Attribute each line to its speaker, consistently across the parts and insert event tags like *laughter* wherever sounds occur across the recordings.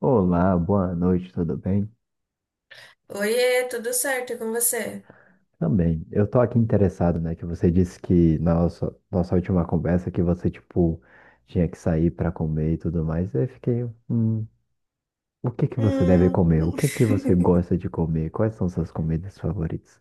Speaker 1: Olá, boa noite, tudo bem?
Speaker 2: Oiê, tudo certo e com você?
Speaker 1: Também. Eu tô aqui interessado, né? Que você disse que na nossa última conversa que você, tipo, tinha que sair pra comer e tudo mais. Eu fiquei, hum, o que que você deve
Speaker 2: Hum.
Speaker 1: comer? O que que você
Speaker 2: *laughs*
Speaker 1: gosta de comer? Quais são suas comidas favoritas?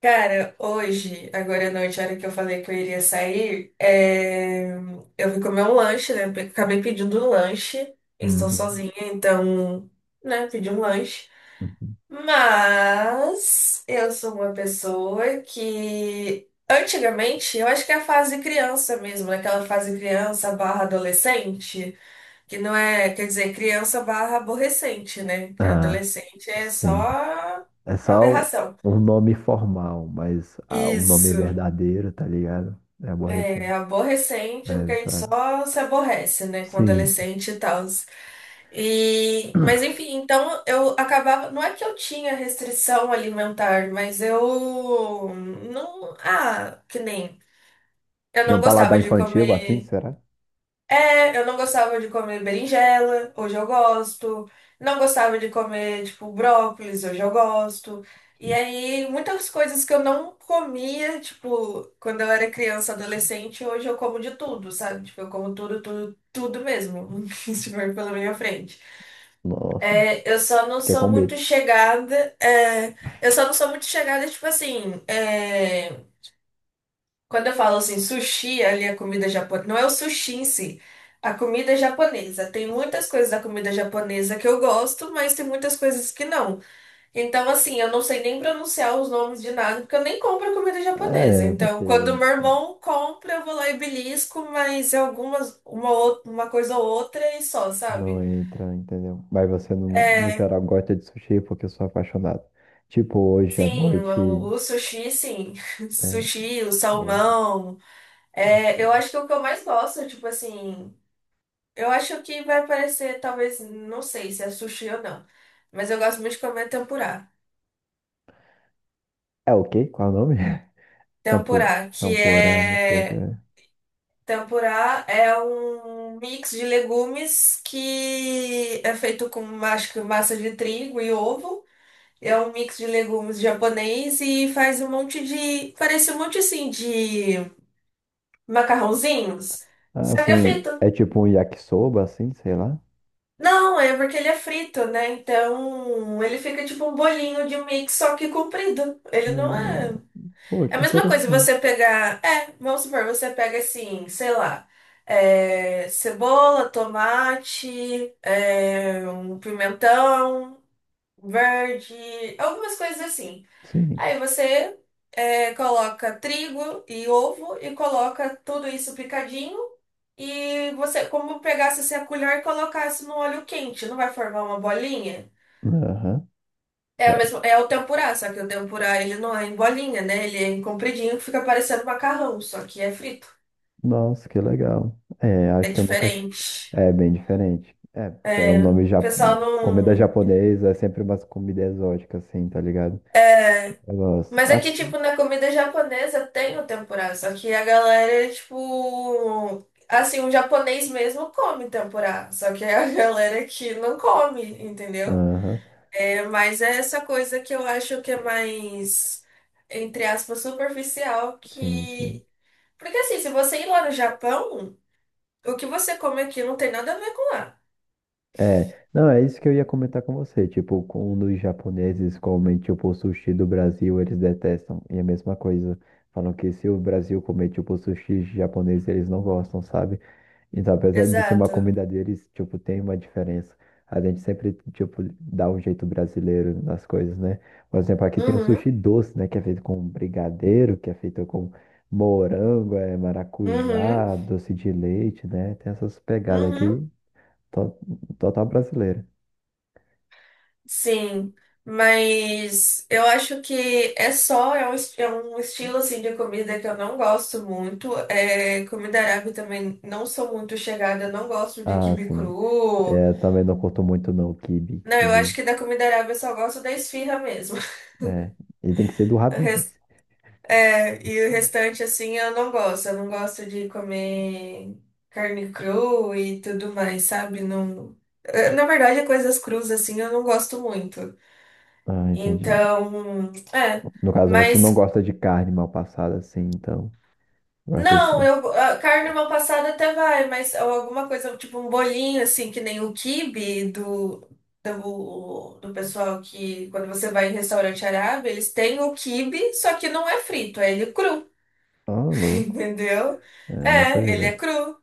Speaker 2: Cara, hoje, agora à noite, a hora que eu falei que eu iria sair, eu fui comer um lanche, né? Acabei pedindo um lanche. Estou
Speaker 1: Uhum,
Speaker 2: sozinha, então, né, pedi um lanche.
Speaker 1: uhum.
Speaker 2: Mas eu sou uma pessoa que antigamente, eu acho que é a fase criança mesmo, naquela fase criança barra adolescente. Que não é, quer dizer, criança barra aborrecente, né? Que
Speaker 1: Ah,
Speaker 2: adolescente é
Speaker 1: sim.
Speaker 2: só
Speaker 1: É só
Speaker 2: aberração.
Speaker 1: um nome formal, mas um nome
Speaker 2: Isso,
Speaker 1: verdadeiro, tá ligado? É
Speaker 2: é
Speaker 1: aborrecente.
Speaker 2: aborrecente, é
Speaker 1: É,
Speaker 2: porque a gente
Speaker 1: exato.
Speaker 2: só se aborrece, né? Com
Speaker 1: Sim.
Speaker 2: adolescente e tal. E, mas enfim, então eu acabava. Não é que eu tinha restrição alimentar, mas eu não. Ah, que nem. Eu
Speaker 1: Tinha
Speaker 2: não
Speaker 1: um
Speaker 2: gostava
Speaker 1: paladar
Speaker 2: de
Speaker 1: infantil assim,
Speaker 2: comer.
Speaker 1: será?
Speaker 2: É, eu não gostava de comer berinjela, hoje eu gosto. Não gostava de comer, tipo, brócolis, hoje eu gosto. E aí, muitas coisas que eu não comia, tipo, quando eu era criança, adolescente, hoje eu como de tudo, sabe? Tipo, eu como tudo, tudo, tudo mesmo, *laughs* que estiver pela minha frente.
Speaker 1: Nossa,
Speaker 2: Eu só não
Speaker 1: fiquei com
Speaker 2: sou muito
Speaker 1: medo.
Speaker 2: chegada, eu só não sou muito chegada, tipo assim, quando eu falo assim, sushi, ali a comida japonesa, não é o sushi em si, a comida japonesa. Tem muitas coisas da comida japonesa que eu gosto, mas tem muitas coisas que não. Então, assim, eu não sei nem pronunciar os nomes de nada, porque eu nem compro comida japonesa.
Speaker 1: É, porque
Speaker 2: Então, quando meu irmão compra, eu vou lá e belisco, mas é algumas, uma, uma coisa ou outra e só,
Speaker 1: não
Speaker 2: sabe?
Speaker 1: entra, entendeu? Mas você, no
Speaker 2: É,
Speaker 1: geral, gosta de sushi porque eu sou apaixonado. Tipo, hoje à
Speaker 2: sim,
Speaker 1: noite.
Speaker 2: o sushi, sim. *laughs*
Speaker 1: É,
Speaker 2: Sushi, o
Speaker 1: o,
Speaker 2: salmão. É, eu acho que o que eu mais gosto, tipo assim. Eu acho que vai aparecer, talvez, não sei se é sushi ou não, mas eu gosto muito de comer tempurá.
Speaker 1: é o quê? Qual é o nome? *laughs*
Speaker 2: Tempurá, que
Speaker 1: Tampura, não sei o que
Speaker 2: é.
Speaker 1: é.
Speaker 2: Tempurá é um mix de legumes que é feito com, acho que, massa de trigo e ovo. É um mix de legumes japonês e faz um monte de. Parece um monte, assim, de macarrãozinhos.
Speaker 1: Ah,
Speaker 2: Só que é
Speaker 1: assim,
Speaker 2: feito
Speaker 1: é tipo um yakisoba, assim, sei lá.
Speaker 2: Não, é porque ele é frito, né? Então ele fica tipo um bolinho de mix, só que comprido. Ele não
Speaker 1: Hum,
Speaker 2: é.
Speaker 1: pô,
Speaker 2: É a
Speaker 1: que
Speaker 2: mesma coisa
Speaker 1: interessante.
Speaker 2: você pegar. É, vamos supor, você pega assim, sei lá, cebola, tomate, um pimentão verde, algumas coisas assim.
Speaker 1: Sim.
Speaker 2: Aí você coloca trigo e ovo e coloca tudo isso picadinho. E você, como pegasse assim, a colher e colocasse no óleo quente, não vai formar uma bolinha?
Speaker 1: Aham.
Speaker 2: É, o mesmo, é o tempurá, só que o tempurá ele não é em bolinha, né? Ele é em compridinho que fica parecendo macarrão, só que é frito.
Speaker 1: Nossa, que legal. É,
Speaker 2: É
Speaker 1: acho que eu nunca.
Speaker 2: diferente.
Speaker 1: É bem diferente. É, pelo nome
Speaker 2: O
Speaker 1: já,
Speaker 2: pessoal
Speaker 1: comida
Speaker 2: não.
Speaker 1: japonesa é sempre umas comida exótica, assim, tá ligado? Eu gosto.
Speaker 2: Mas é que,
Speaker 1: Ah,
Speaker 2: tipo, na comida japonesa tem o tempurá, só que a galera, tipo. Assim, o japonês mesmo come tempurá, só que é a *laughs* galera que não come, entendeu?
Speaker 1: aham,
Speaker 2: É, mas é essa coisa que eu acho que é mais, entre aspas, superficial
Speaker 1: sim, sim.
Speaker 2: que. Porque, assim, se você ir lá no Japão, o que você come aqui não tem nada a ver com lá.
Speaker 1: É, não, é isso que eu ia comentar com você. Tipo, quando os japoneses comem, tipo, sushi do Brasil, eles detestam. E é a mesma coisa. Falam que se o Brasil comer, tipo, sushi japonês, eles não gostam, sabe? Então, apesar de ser uma
Speaker 2: Exato.
Speaker 1: comida deles, tipo, tem uma diferença. A gente sempre, tipo, dá um jeito brasileiro nas coisas, né? Por exemplo, aqui tem o
Speaker 2: Uhum,
Speaker 1: sushi doce, né? Que é feito com brigadeiro, que é feito com morango, é,
Speaker 2: uhum,
Speaker 1: maracujá, doce de leite, né? Tem essas pegadas
Speaker 2: uhum.
Speaker 1: aqui, to- total brasileira.
Speaker 2: Sim, mas eu acho que é só, é um, é um estilo assim de comida que eu não gosto muito. É, comida árabe também não sou muito chegada, não gosto de
Speaker 1: Ah,
Speaker 2: quibe
Speaker 1: sim.
Speaker 2: cru.
Speaker 1: É, também não curto muito, não, quibe,
Speaker 2: Não, eu acho
Speaker 1: quibe,
Speaker 2: que da comida árabe eu só gosto da esfirra mesmo. *laughs*
Speaker 1: né? E tem que ser do
Speaker 2: O res-
Speaker 1: Habib's.
Speaker 2: É, e o restante assim eu não gosto. Eu não gosto de comer carne crua e tudo mais, sabe? Não, na verdade, coisas cruas assim eu não gosto muito.
Speaker 1: Ah, entendi.
Speaker 2: Então, é.
Speaker 1: No caso, você não
Speaker 2: Mas
Speaker 1: gosta de carne mal passada, assim, então. Gosta desse.
Speaker 2: Não, eu, a carne mal passada até vai, mas ou alguma coisa, tipo um bolinho, assim, que nem o quibe do pessoal que, quando você vai em restaurante árabe, eles têm o quibe, só que não é frito, é ele cru,
Speaker 1: Ah,
Speaker 2: *laughs*
Speaker 1: louco.
Speaker 2: entendeu?
Speaker 1: É, não
Speaker 2: É,
Speaker 1: sabia
Speaker 2: ele é
Speaker 1: dessa.
Speaker 2: cru.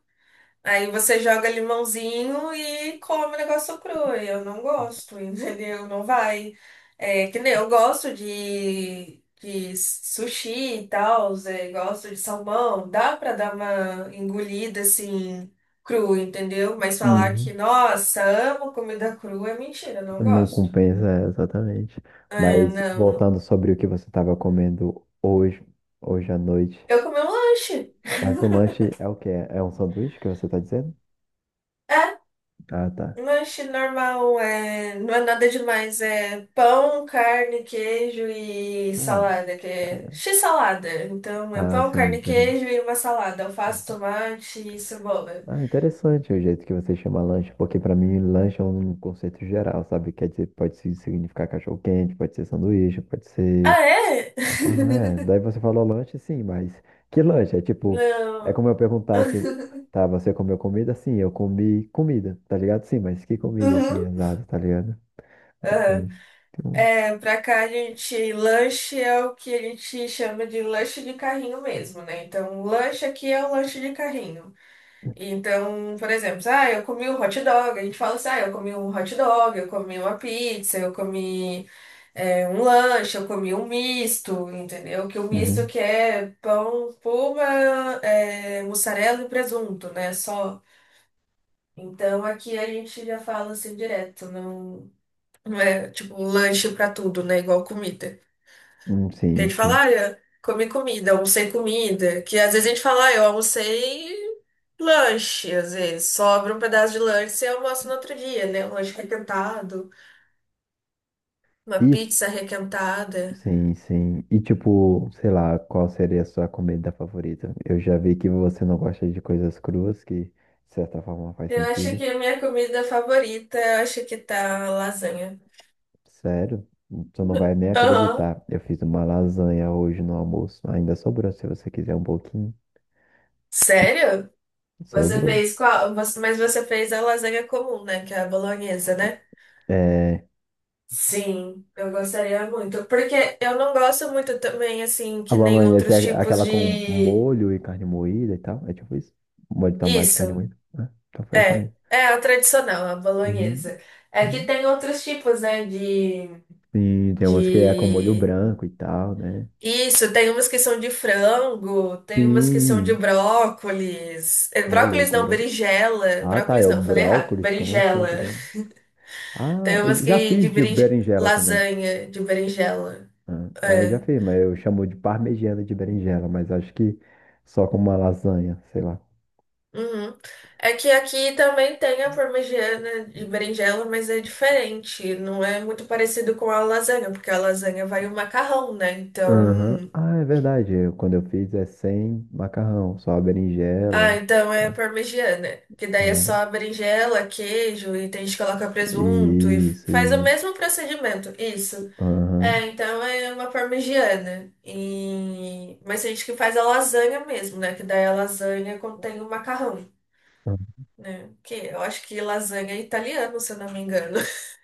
Speaker 2: Aí você joga limãozinho e come o negócio cru. E eu não gosto, *laughs* entendeu? Não vai. É, que nem eu gosto de sushi e tal, é, gosto de salmão. Dá pra dar uma engolida assim, cru, entendeu? Mas falar que,
Speaker 1: Uhum.
Speaker 2: nossa, amo comida crua é mentira, não
Speaker 1: Não
Speaker 2: gosto.
Speaker 1: compensa, é, exatamente.
Speaker 2: É,
Speaker 1: Mas
Speaker 2: não.
Speaker 1: voltando sobre o que você estava comendo hoje, hoje à noite.
Speaker 2: Eu comi um lanche.
Speaker 1: Mas o
Speaker 2: *laughs*
Speaker 1: lanche é o quê? É um sanduíche que você está dizendo?
Speaker 2: é
Speaker 1: Ah, tá.
Speaker 2: Lanche normal, é... não é nada demais, é pão, carne, queijo e
Speaker 1: Ah,
Speaker 2: salada, que é x-salada. Então é
Speaker 1: ah,
Speaker 2: pão,
Speaker 1: sim,
Speaker 2: carne,
Speaker 1: interessante.
Speaker 2: queijo e uma salada, alface, tomate e cebola.
Speaker 1: Ah, interessante o jeito que você chama lanche, porque para mim lanche é um conceito geral, sabe? Quer dizer, pode significar cachorro-quente, pode ser sanduíche, pode ser
Speaker 2: Ah, é?
Speaker 1: macarrão, é.
Speaker 2: *laughs*
Speaker 1: Daí você falou lanche, sim, mas que lanche? É tipo, é
Speaker 2: Não.
Speaker 1: como eu perguntasse, tá, você comeu comida? Sim, eu comi comida, tá ligado? Sim, mas que comida, assim,
Speaker 2: Uhum.
Speaker 1: exato, tá ligado? Mas
Speaker 2: Aham.
Speaker 1: lanche. Tipo,
Speaker 2: É, pra cá a gente, lanche é o que a gente chama de lanche de carrinho mesmo, né? Então, lanche aqui é o lanche de carrinho. Então, por exemplo, ah, eu comi um hot dog, a gente fala assim, ah, eu comi um hot dog, eu comi uma pizza, eu comi um lanche, eu comi um misto, entendeu? Que o misto
Speaker 1: uhum.
Speaker 2: que é pão, puma, é, mussarela e presunto, né? Só. Então aqui a gente já fala assim direto, não é tipo lanche pra tudo, né? Igual comida. Que a
Speaker 1: Sim,
Speaker 2: gente
Speaker 1: sim.
Speaker 2: fala, ah, eu comi comida, almocei comida. Que às vezes a gente fala, ah, eu almocei lanche, às vezes. Sobra um pedaço de lanche e almoço no outro dia, né? Um lanche requentado, uma
Speaker 1: E,
Speaker 2: pizza requentada.
Speaker 1: sim, sim. E tipo, sei lá, qual seria a sua comida favorita? Eu já vi que você não gosta de coisas cruas, que de certa forma faz
Speaker 2: Eu acho
Speaker 1: sentido.
Speaker 2: que a minha comida favorita, eu acho que tá lasanha.
Speaker 1: Sério? Tu não vai nem
Speaker 2: Aham.
Speaker 1: acreditar. Eu fiz uma lasanha hoje no almoço. Ainda sobrou, se você quiser um pouquinho.
Speaker 2: Sério? Você
Speaker 1: Sobrou.
Speaker 2: fez qual? Mas você fez a lasanha comum, né? Que é a bolonhesa, né?
Speaker 1: É...
Speaker 2: Sim, eu gostaria muito. Porque eu não gosto muito também, assim,
Speaker 1: A
Speaker 2: que nem
Speaker 1: bolonhesa é
Speaker 2: outros tipos
Speaker 1: aquela com
Speaker 2: de.
Speaker 1: molho e carne moída e tal. É tipo isso. Molho de tomate e carne
Speaker 2: Isso,
Speaker 1: moída, né? Então foi essa
Speaker 2: é.
Speaker 1: mesmo.
Speaker 2: É a tradicional, a
Speaker 1: Uhum,
Speaker 2: bolonhesa. É que
Speaker 1: uhum.
Speaker 2: tem outros tipos, né,
Speaker 1: Sim, tem umas que é com molho
Speaker 2: de...
Speaker 1: branco e tal, né?
Speaker 2: Isso, tem umas que são de frango, tem umas que são de
Speaker 1: Sim.
Speaker 2: brócolis. É,
Speaker 1: Ô,
Speaker 2: Brócolis
Speaker 1: louco,
Speaker 2: não,
Speaker 1: bro.
Speaker 2: berinjela.
Speaker 1: Ah, tá. É
Speaker 2: Brócolis
Speaker 1: o
Speaker 2: não, falei errado.
Speaker 1: brócolis? Como assim,
Speaker 2: Berinjela.
Speaker 1: tá ligado?
Speaker 2: *laughs*
Speaker 1: Ah,
Speaker 2: Tem umas
Speaker 1: eu já
Speaker 2: que de
Speaker 1: fiz de
Speaker 2: berin...
Speaker 1: berinjela também.
Speaker 2: lasanha de berinjela.
Speaker 1: Ah, é, eu já
Speaker 2: É.
Speaker 1: fiz, mas eu chamo de parmegiana de berinjela, mas acho que só com uma lasanha, sei lá.
Speaker 2: Uhum. É que aqui também tem a parmegiana de berinjela, mas é diferente. Não é muito parecido com a lasanha, porque a lasanha vai o macarrão, né?
Speaker 1: Aham.
Speaker 2: Então.
Speaker 1: Ah, é verdade. Quando eu fiz é sem macarrão, só a
Speaker 2: Ah,
Speaker 1: berinjela,
Speaker 2: então é
Speaker 1: tá?
Speaker 2: parmegiana. Que daí é só
Speaker 1: Ah,
Speaker 2: a berinjela, queijo, e tem gente que coloca
Speaker 1: é.
Speaker 2: presunto e
Speaker 1: Isso,
Speaker 2: faz o
Speaker 1: isso.
Speaker 2: mesmo procedimento. Isso. É,
Speaker 1: Aham.
Speaker 2: então é uma parmegiana. E... Mas tem gente que faz a lasanha mesmo, né? Que daí a lasanha contém o macarrão, né? Que eu acho que lasanha é italiano, se eu não me engano.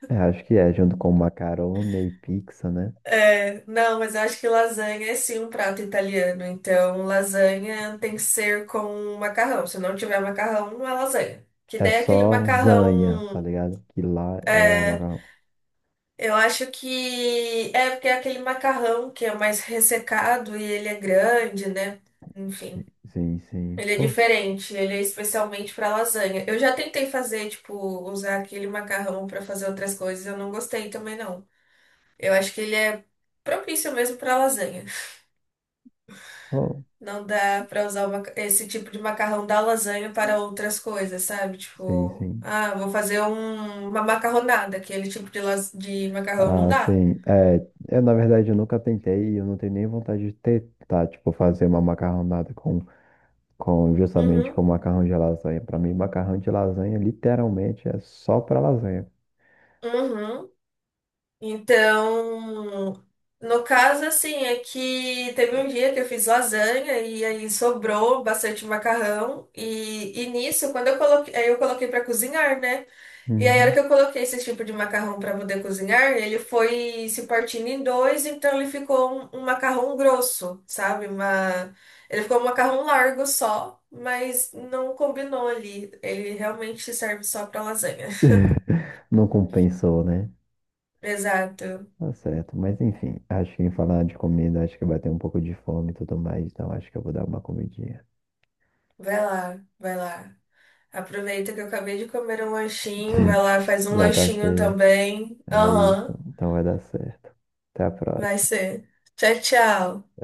Speaker 1: É, acho que é, junto com macarone e pizza, né?
Speaker 2: É, não, mas eu acho que lasanha é sim um prato italiano. Então, lasanha tem que ser com macarrão. Se não tiver macarrão, não é lasanha. Que
Speaker 1: É
Speaker 2: daí é aquele
Speaker 1: só zanha, tá
Speaker 2: macarrão.
Speaker 1: ligado? Que lá é o
Speaker 2: É,
Speaker 1: macarrão.
Speaker 2: eu acho que. É, porque é aquele macarrão que é mais ressecado e ele é grande, né?
Speaker 1: Sim,
Speaker 2: Enfim,
Speaker 1: sim, sim.
Speaker 2: ele é
Speaker 1: Pô,
Speaker 2: diferente. Ele é especialmente para lasanha. Eu já tentei fazer, tipo, usar aquele macarrão para fazer outras coisas. Eu não gostei também, não. Eu acho que ele é propício mesmo para lasanha.
Speaker 1: pô.
Speaker 2: Não dá pra usar esse tipo de macarrão da lasanha para outras coisas, sabe?
Speaker 1: Sim,
Speaker 2: Tipo,
Speaker 1: sim.
Speaker 2: ah, vou fazer uma macarronada, aquele tipo de, de macarrão não
Speaker 1: Ah,
Speaker 2: dá.
Speaker 1: sim. É, eu, na verdade, eu nunca tentei e eu não tenho nem vontade de tentar, tipo, fazer uma macarronada com, justamente
Speaker 2: Uhum,
Speaker 1: com macarrão de lasanha. Para mim, macarrão de lasanha literalmente é só para lasanha.
Speaker 2: uhum. Então, no caso, assim, é que teve um dia que eu fiz lasanha e aí sobrou bastante macarrão. E nisso, quando eu coloquei, aí eu coloquei para cozinhar, né? E aí, a hora que
Speaker 1: Uhum.
Speaker 2: eu coloquei esse tipo de macarrão para poder cozinhar, ele foi se partindo em dois, então ele ficou um macarrão grosso, sabe? Uma... Ele ficou um macarrão largo só, mas não combinou ali. Ele realmente serve só para lasanha. *laughs*
Speaker 1: *laughs* Não compensou, né?
Speaker 2: Exato.
Speaker 1: Tá certo. Mas enfim, acho que em falar de comida, acho que vai ter um pouco de fome e tudo mais, então acho que eu vou dar uma comidinha.
Speaker 2: Vai lá, vai lá. Aproveita que eu acabei de comer um lanchinho. Vai
Speaker 1: *laughs*
Speaker 2: lá, faz um
Speaker 1: Já tá
Speaker 2: lanchinho
Speaker 1: cheio.
Speaker 2: também.
Speaker 1: É isso.
Speaker 2: Aham,
Speaker 1: Então vai dar certo. Até a
Speaker 2: vai
Speaker 1: próxima.
Speaker 2: ser. Tchau, tchau.